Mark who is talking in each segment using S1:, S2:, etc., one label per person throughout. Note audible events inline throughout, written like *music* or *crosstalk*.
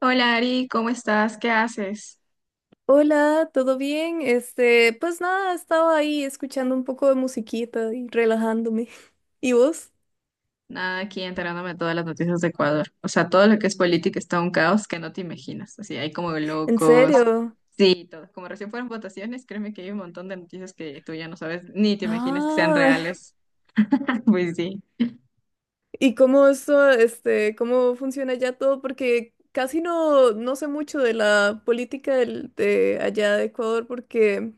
S1: Hola Ari, ¿cómo estás? ¿Qué haces?
S2: Hola, ¿todo bien? Este, pues nada, estaba ahí escuchando un poco de musiquita y relajándome. *laughs* ¿Y vos?
S1: Nada, aquí enterándome de todas las noticias de Ecuador. O sea, todo lo que es política está un caos que no te imaginas. Así, hay como
S2: ¿En
S1: locos.
S2: serio?
S1: Sí, todo. Como recién fueron votaciones, créeme que hay un montón de noticias que tú ya no sabes ni te imaginas que sean
S2: Ah,
S1: reales. *laughs* Pues sí.
S2: *laughs* ¿y cómo eso, este, cómo funciona ya todo? Porque casi no sé mucho de la política de allá de Ecuador, porque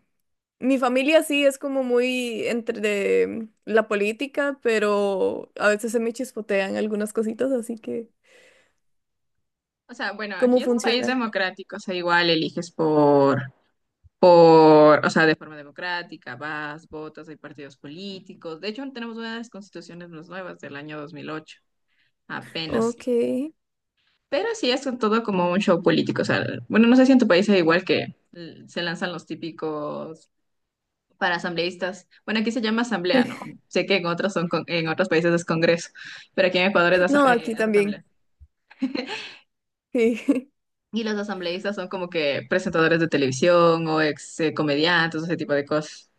S2: mi familia sí es como muy entre de la política, pero a veces se me chispotean algunas cositas, así que,
S1: O sea, bueno,
S2: ¿cómo
S1: aquí es un país
S2: funciona?
S1: democrático, o sea, igual eliges por, o sea, de forma democrática, vas, votas, hay partidos políticos. De hecho, tenemos una de las constituciones más nuevas del año 2008, apenas.
S2: Ok.
S1: Pero sí es un todo como un show político. O sea, bueno, no sé si en tu país es igual que se lanzan los típicos para asambleístas. Bueno, aquí se llama asamblea, ¿no?
S2: *laughs*
S1: Sé que en otros son en otros países es congreso, pero aquí en Ecuador es, asa-
S2: No,
S1: eh,
S2: aquí
S1: es asamblea.
S2: también.
S1: *laughs*
S2: Sí, *laughs*
S1: Y los asambleístas son como que presentadores de televisión o ex comediantes, ese tipo de cosas.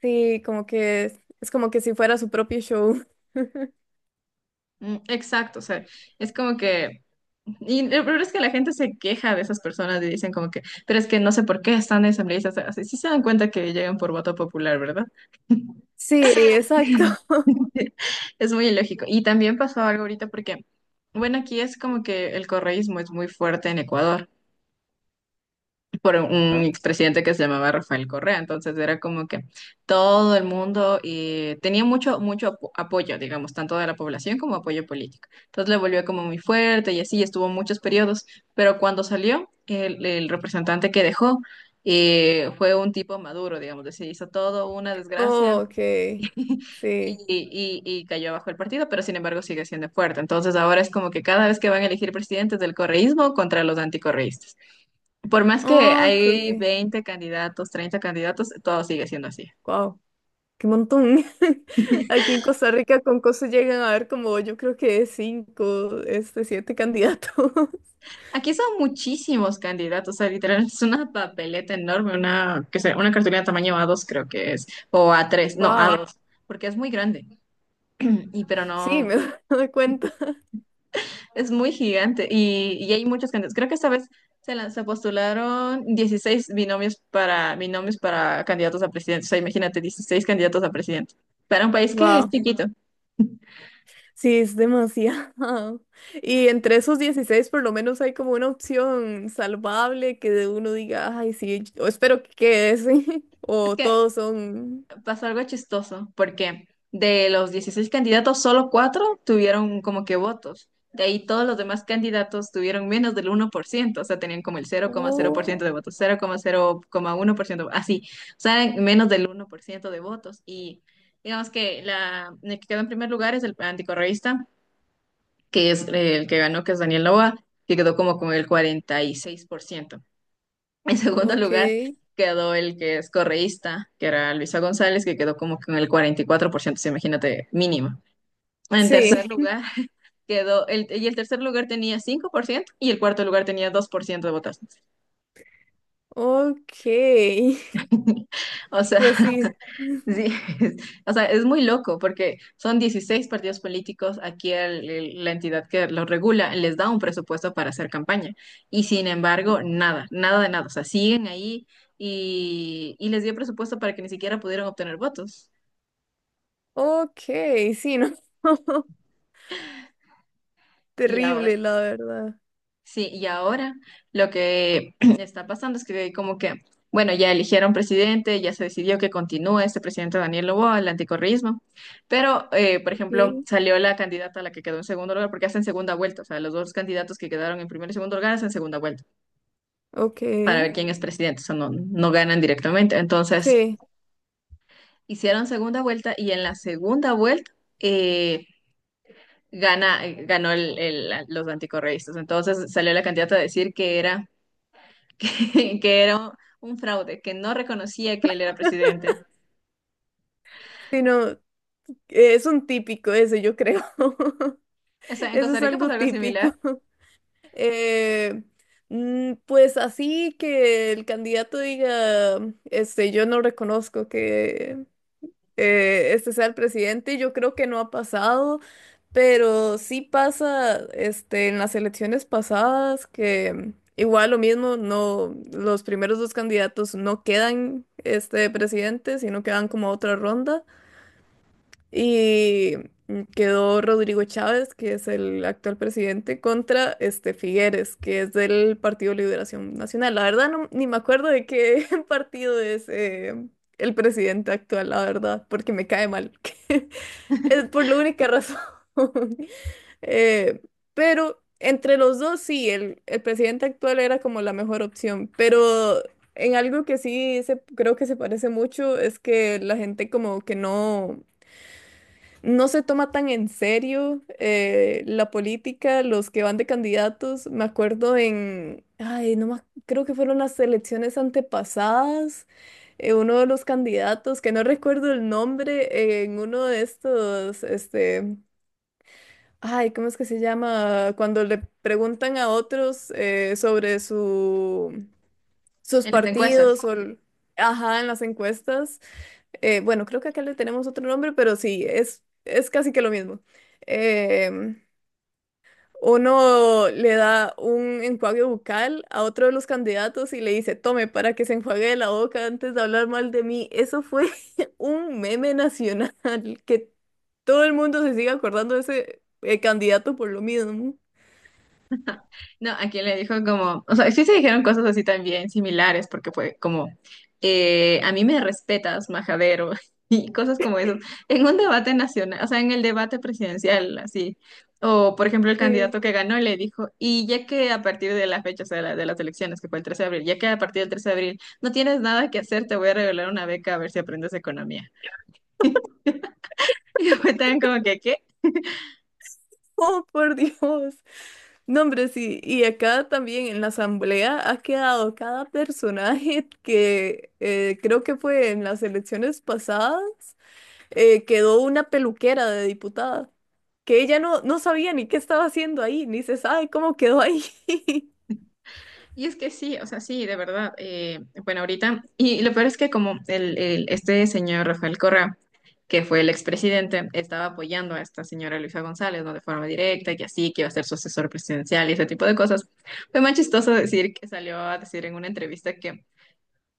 S2: sí, como que es como que si fuera su propio show.
S1: Mm, exacto, o sea, es como que. Y el problema es que la gente se queja de esas personas y dicen como que, pero es que no sé por qué están asambleístas. Así sí se dan cuenta que llegan por voto popular, ¿verdad?
S2: Sí, exacto.
S1: *laughs* Es muy ilógico. Y también pasó algo ahorita porque, bueno, aquí es como que el correísmo es muy fuerte en Ecuador por un
S2: *laughs*
S1: expresidente que se llamaba Rafael Correa. Entonces era como que todo el mundo tenía mucho, mucho apoyo, digamos, tanto de la población como apoyo político. Entonces le volvió como muy fuerte y así estuvo muchos periodos. Pero cuando salió, el representante que dejó fue un tipo maduro, digamos, se hizo todo una desgracia
S2: Oh, ok,
S1: *laughs* y,
S2: sí.
S1: y cayó abajo el partido, pero sin embargo sigue siendo fuerte. Entonces ahora es como que cada vez que van a elegir presidentes del correísmo contra los anticorreístas. Por más que
S2: Oh,
S1: hay
S2: ok,
S1: 20 candidatos, 30 candidatos, todo sigue siendo así.
S2: wow, qué montón. *laughs* Aquí en Costa Rica con cosas llegan a ver como yo creo que cinco, este, siete candidatos. *laughs*
S1: Aquí son muchísimos candidatos, o sea, literal, es una papeleta enorme, una, que sea, una cartulina tamaño a dos creo que es, o a tres no, a
S2: Wow,
S1: dos porque es muy grande. Y pero
S2: sí,
S1: no.
S2: me *laughs* doy cuenta.
S1: Es muy gigante y hay muchos candidatos. Creo que esta vez se postularon 16 binomios para candidatos a presidente. O sea, imagínate, 16 candidatos a presidente. Para un país que es
S2: Wow.
S1: chiquito.
S2: Sí, es demasiado. *laughs* Y entre esos 16, por lo menos hay como una opción salvable que de uno diga, ay, sí, yo espero que quede ese". *laughs*
S1: Es
S2: O
S1: que
S2: todos son.
S1: pasó algo chistoso, porque de los 16 candidatos, solo cuatro tuvieron como que votos. De ahí todos los demás candidatos tuvieron menos del 1%, o sea, tenían como el 00,0%
S2: Oh,
S1: de votos, 00,01% así, o sea, eran menos del 1% de votos. Y digamos que el que quedó en primer lugar es el anticorreísta, que es el que ganó, que es Daniel Noboa, que quedó como con el 46%. En segundo
S2: ok.
S1: lugar quedó el que es correísta, que era Luisa González, que quedó como con el 44%. Sí, imagínate, mínimo. En tercer
S2: Sí,
S1: lugar *laughs* y el tercer lugar tenía 5% y el cuarto lugar tenía 2% de votantes.
S2: ok. *laughs*
S1: *laughs* O sea,
S2: Pues sí,
S1: sí, *laughs* o sea, es muy loco porque son 16 partidos políticos, aquí la entidad que los regula les da un presupuesto para hacer campaña y sin embargo, nada, nada de nada, o sea, siguen ahí y les dio presupuesto para que ni siquiera pudieran obtener votos.
S2: ok, sí, no. *laughs*
S1: Y ahora,
S2: Terrible, la verdad.
S1: sí, y ahora lo que *clears throat* está pasando es que como que, bueno, ya eligieron presidente, ya se decidió que continúe este presidente Daniel Loboa, el anticorrismo, pero, por
S2: Ok,
S1: ejemplo, salió la candidata a la que quedó en segundo lugar, porque hacen segunda vuelta, o sea, los dos candidatos que quedaron en primer y segundo lugar hacen segunda vuelta
S2: ok.
S1: para ver quién es presidente, o sea, no, no ganan directamente. Entonces,
S2: Sí,
S1: hicieron segunda vuelta y en la segunda vuelta eh, ganó los anticorreístas. Entonces, salió la candidata a decir que era un fraude, que no reconocía que él era presidente.
S2: sí, no. Es un típico ese, yo creo. *laughs*
S1: O sea, en
S2: Eso
S1: Costa
S2: es
S1: Rica pasó
S2: algo
S1: algo
S2: típico.
S1: similar
S2: Eh, pues así que el candidato diga, este, yo no reconozco que este sea el presidente, yo creo que no ha pasado, pero sí pasa, este, en las elecciones pasadas que igual lo mismo, no, los primeros dos candidatos no quedan, este, presidente, sino que van como a otra ronda. Y quedó Rodrigo Chávez, que es el actual presidente, contra este Figueres, que es del Partido Liberación Nacional. La verdad, no, ni me acuerdo de qué *laughs* partido es el presidente actual, la verdad, porque me cae mal. *laughs* Es por la única razón. *laughs* Eh, pero entre los dos, sí, el presidente actual era como la mejor opción, pero. En algo que sí se, creo que se parece mucho es que la gente como que no se toma tan en serio la política, los que van de candidatos. Me acuerdo en, ay, no más, creo que fueron las elecciones antepasadas, uno de los candidatos, que no recuerdo el nombre, en uno de estos, este, ay, ¿cómo es que se llama? Cuando le preguntan a otros sobre sus
S1: en las encuestas.
S2: partidos ajá, en las encuestas bueno, creo que acá le tenemos otro nombre, pero sí, es casi que lo mismo. Em, Uno le da un enjuague bucal a otro de los candidatos y le dice, tome para que se enjuague la boca antes de hablar mal de mí. Eso fue *laughs* un meme nacional, que todo el mundo se sigue acordando de ese candidato por lo mismo.
S1: *laughs* No, a quien le dijo como, o sea, sí se dijeron cosas así también similares, porque fue como, a mí me respetas, majadero, *laughs* y cosas como eso, en un debate nacional, o sea, en el debate presidencial, así. O, por ejemplo, el
S2: Sí.
S1: candidato que ganó le dijo, y ya que a partir de la fecha, o sea, de las elecciones, que fue el 13 de abril, ya que a partir del 13 de abril no tienes nada que hacer, te voy a regalar una beca a ver si aprendes economía. *laughs* Y fue tan como que, ¿qué?
S2: Oh, por Dios. No, hombre, sí. Y acá también en la asamblea ha quedado cada personaje *laughs* que creo que fue en las elecciones pasadas, quedó una peluquera de diputada, que ella no sabía ni qué estaba haciendo ahí, ni se sabe cómo quedó ahí. *laughs*
S1: Y es que sí, o sea, sí, de verdad. Bueno, ahorita, y lo peor es que como este señor Rafael Correa, que fue el expresidente, estaba apoyando a esta señora Luisa González, ¿no? De forma directa, que así, que iba a ser su asesor presidencial y ese tipo de cosas. Fue más chistoso decir que salió a decir en una entrevista que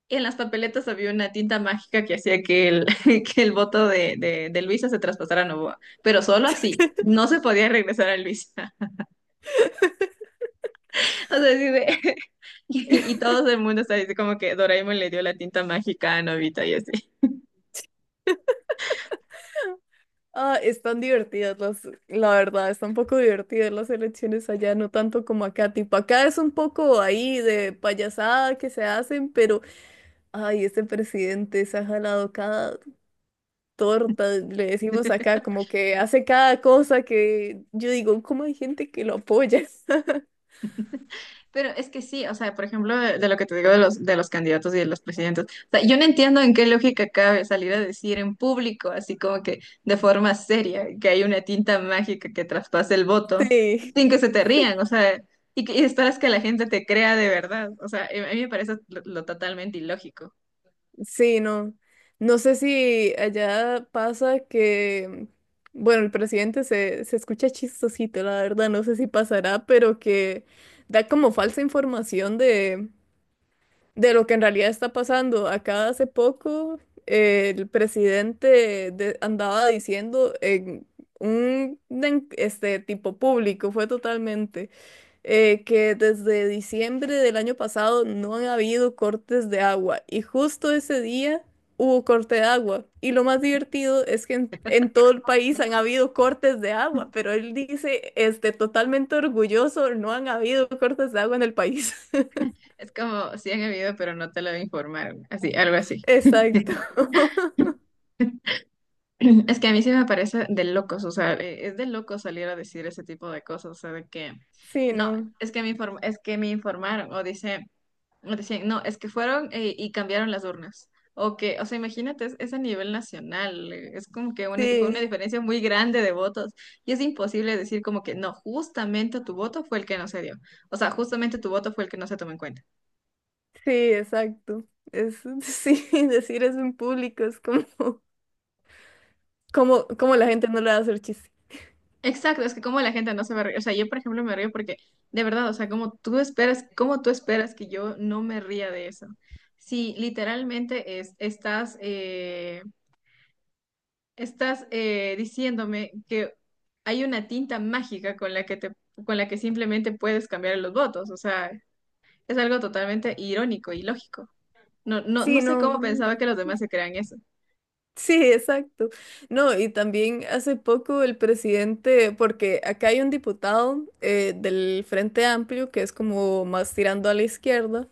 S1: en las papeletas había una tinta mágica que hacía que el, *laughs* que el voto de Luisa se traspasara a Novoa, pero solo así, no se podía regresar a Luisa. *laughs* O sea, así de- *laughs* Y todo el mundo está diciendo como que Doraemon le dio la tinta mágica a Nobita y así.
S2: Ah, están divertidas la verdad, están un poco divertidas las elecciones allá, no tanto como acá. Tipo, acá es un poco ahí de payasada que se hacen, pero. Ay, este presidente se ha jalado cada torta, le decimos acá,
S1: *laughs*
S2: como que hace cada cosa que yo digo, ¿cómo hay gente que lo apoya? *laughs*
S1: Pero es que sí, o sea, por ejemplo, de lo que te digo de los candidatos y de los presidentes, o sea, yo no entiendo en qué lógica cabe salir a decir en público, así como que de forma seria, que hay una tinta mágica que traspase el voto,
S2: Sí,
S1: sin que se te rían, o sea, y esperas que la gente te crea de verdad, o sea, a mí me parece lo totalmente ilógico.
S2: sí, no. No sé si allá pasa que, bueno, el presidente se escucha chistosito, la verdad, no sé si pasará, pero que da como falsa información de lo que en realidad está pasando. Acá hace poco el presidente andaba diciendo en un este tipo público, fue totalmente, que desde diciembre del año pasado no han habido cortes de agua y justo ese día hubo corte de agua. Y lo más divertido es que en todo el país han habido cortes de agua, pero él dice, este, totalmente orgulloso, no han habido cortes de agua en el país. *laughs*
S1: Es como, sí han habido, pero no te lo informaron, así, algo así.
S2: Exacto. *laughs*
S1: *clears throat* Es que a mí sí me parece de locos, o sea, es de locos salir a decir ese tipo de cosas, o sea, de que,
S2: Sí,
S1: no,
S2: no.
S1: es que me informaron, o dicen, no, es que fueron y cambiaron las urnas, o que, o sea, imagínate, es a nivel nacional, es como que fue una
S2: Sí,
S1: diferencia muy grande de votos, y es imposible decir como que, no, justamente tu voto fue el que no se dio, o sea, justamente tu voto fue el que no se tomó en cuenta.
S2: sí, exacto. Es, *laughs* sí, decir eso en público es como, *laughs* como la gente no le va a hacer chiste.
S1: Exacto, es que como la gente no se va a reír, o sea, yo por ejemplo me río porque de verdad, o sea, como tú esperas que yo no me ría de eso. Si literalmente estás diciéndome que hay una tinta mágica con la que simplemente puedes cambiar los votos, o sea, es algo totalmente irónico y lógico. No, no, no
S2: Sí,
S1: sé
S2: no.
S1: cómo
S2: No.
S1: pensaba que los demás se crean eso.
S2: Sí, exacto. No, y también hace poco el presidente, porque acá hay un diputado del Frente Amplio que es como más tirando a la izquierda.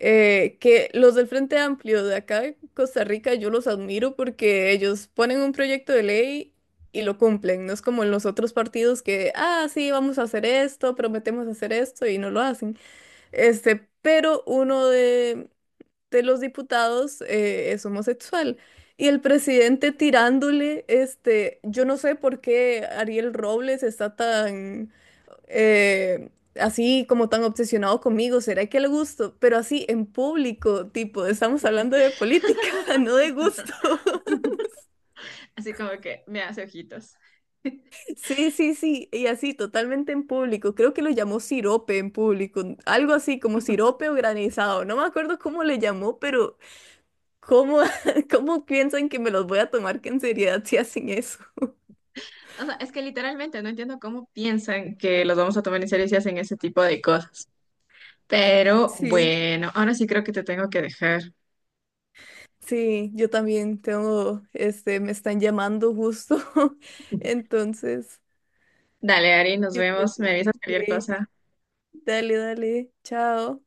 S2: Que los del Frente Amplio de acá de Costa Rica yo los admiro porque ellos ponen un proyecto de ley y lo cumplen, no es como en los otros partidos que, ah, sí, vamos a hacer esto, prometemos hacer esto y no lo hacen. Este, pero uno de los diputados es homosexual. Y el presidente tirándole, este, yo no sé por qué Ariel Robles está tan, eh, así como tan obsesionado conmigo, ¿será que le gusto? Pero así en público, tipo, estamos hablando de
S1: *laughs*
S2: política, *laughs* no de gusto. *laughs*
S1: Así como que me hace ojitos. *laughs*
S2: Sí, sí, sí, y así totalmente en público. Creo que lo llamó sirope en público, algo así como sirope o granizado. No me acuerdo cómo le llamó, pero ¿cómo, *laughs* cómo piensan que me los voy a tomar que en seriedad si hacen eso?
S1: O sea, es que literalmente no entiendo cómo piensan que los vamos a tomar en serio si hacen ese tipo de cosas. Pero
S2: Sí.
S1: bueno, ahora sí creo que te tengo que dejar.
S2: Sí, yo también tengo, este, me están llamando justo. *laughs* Entonces,
S1: Dale, Ari, nos
S2: yo creo
S1: vemos. Me avisas cualquier
S2: que. Ok.
S1: cosa.
S2: Dale, dale, chao.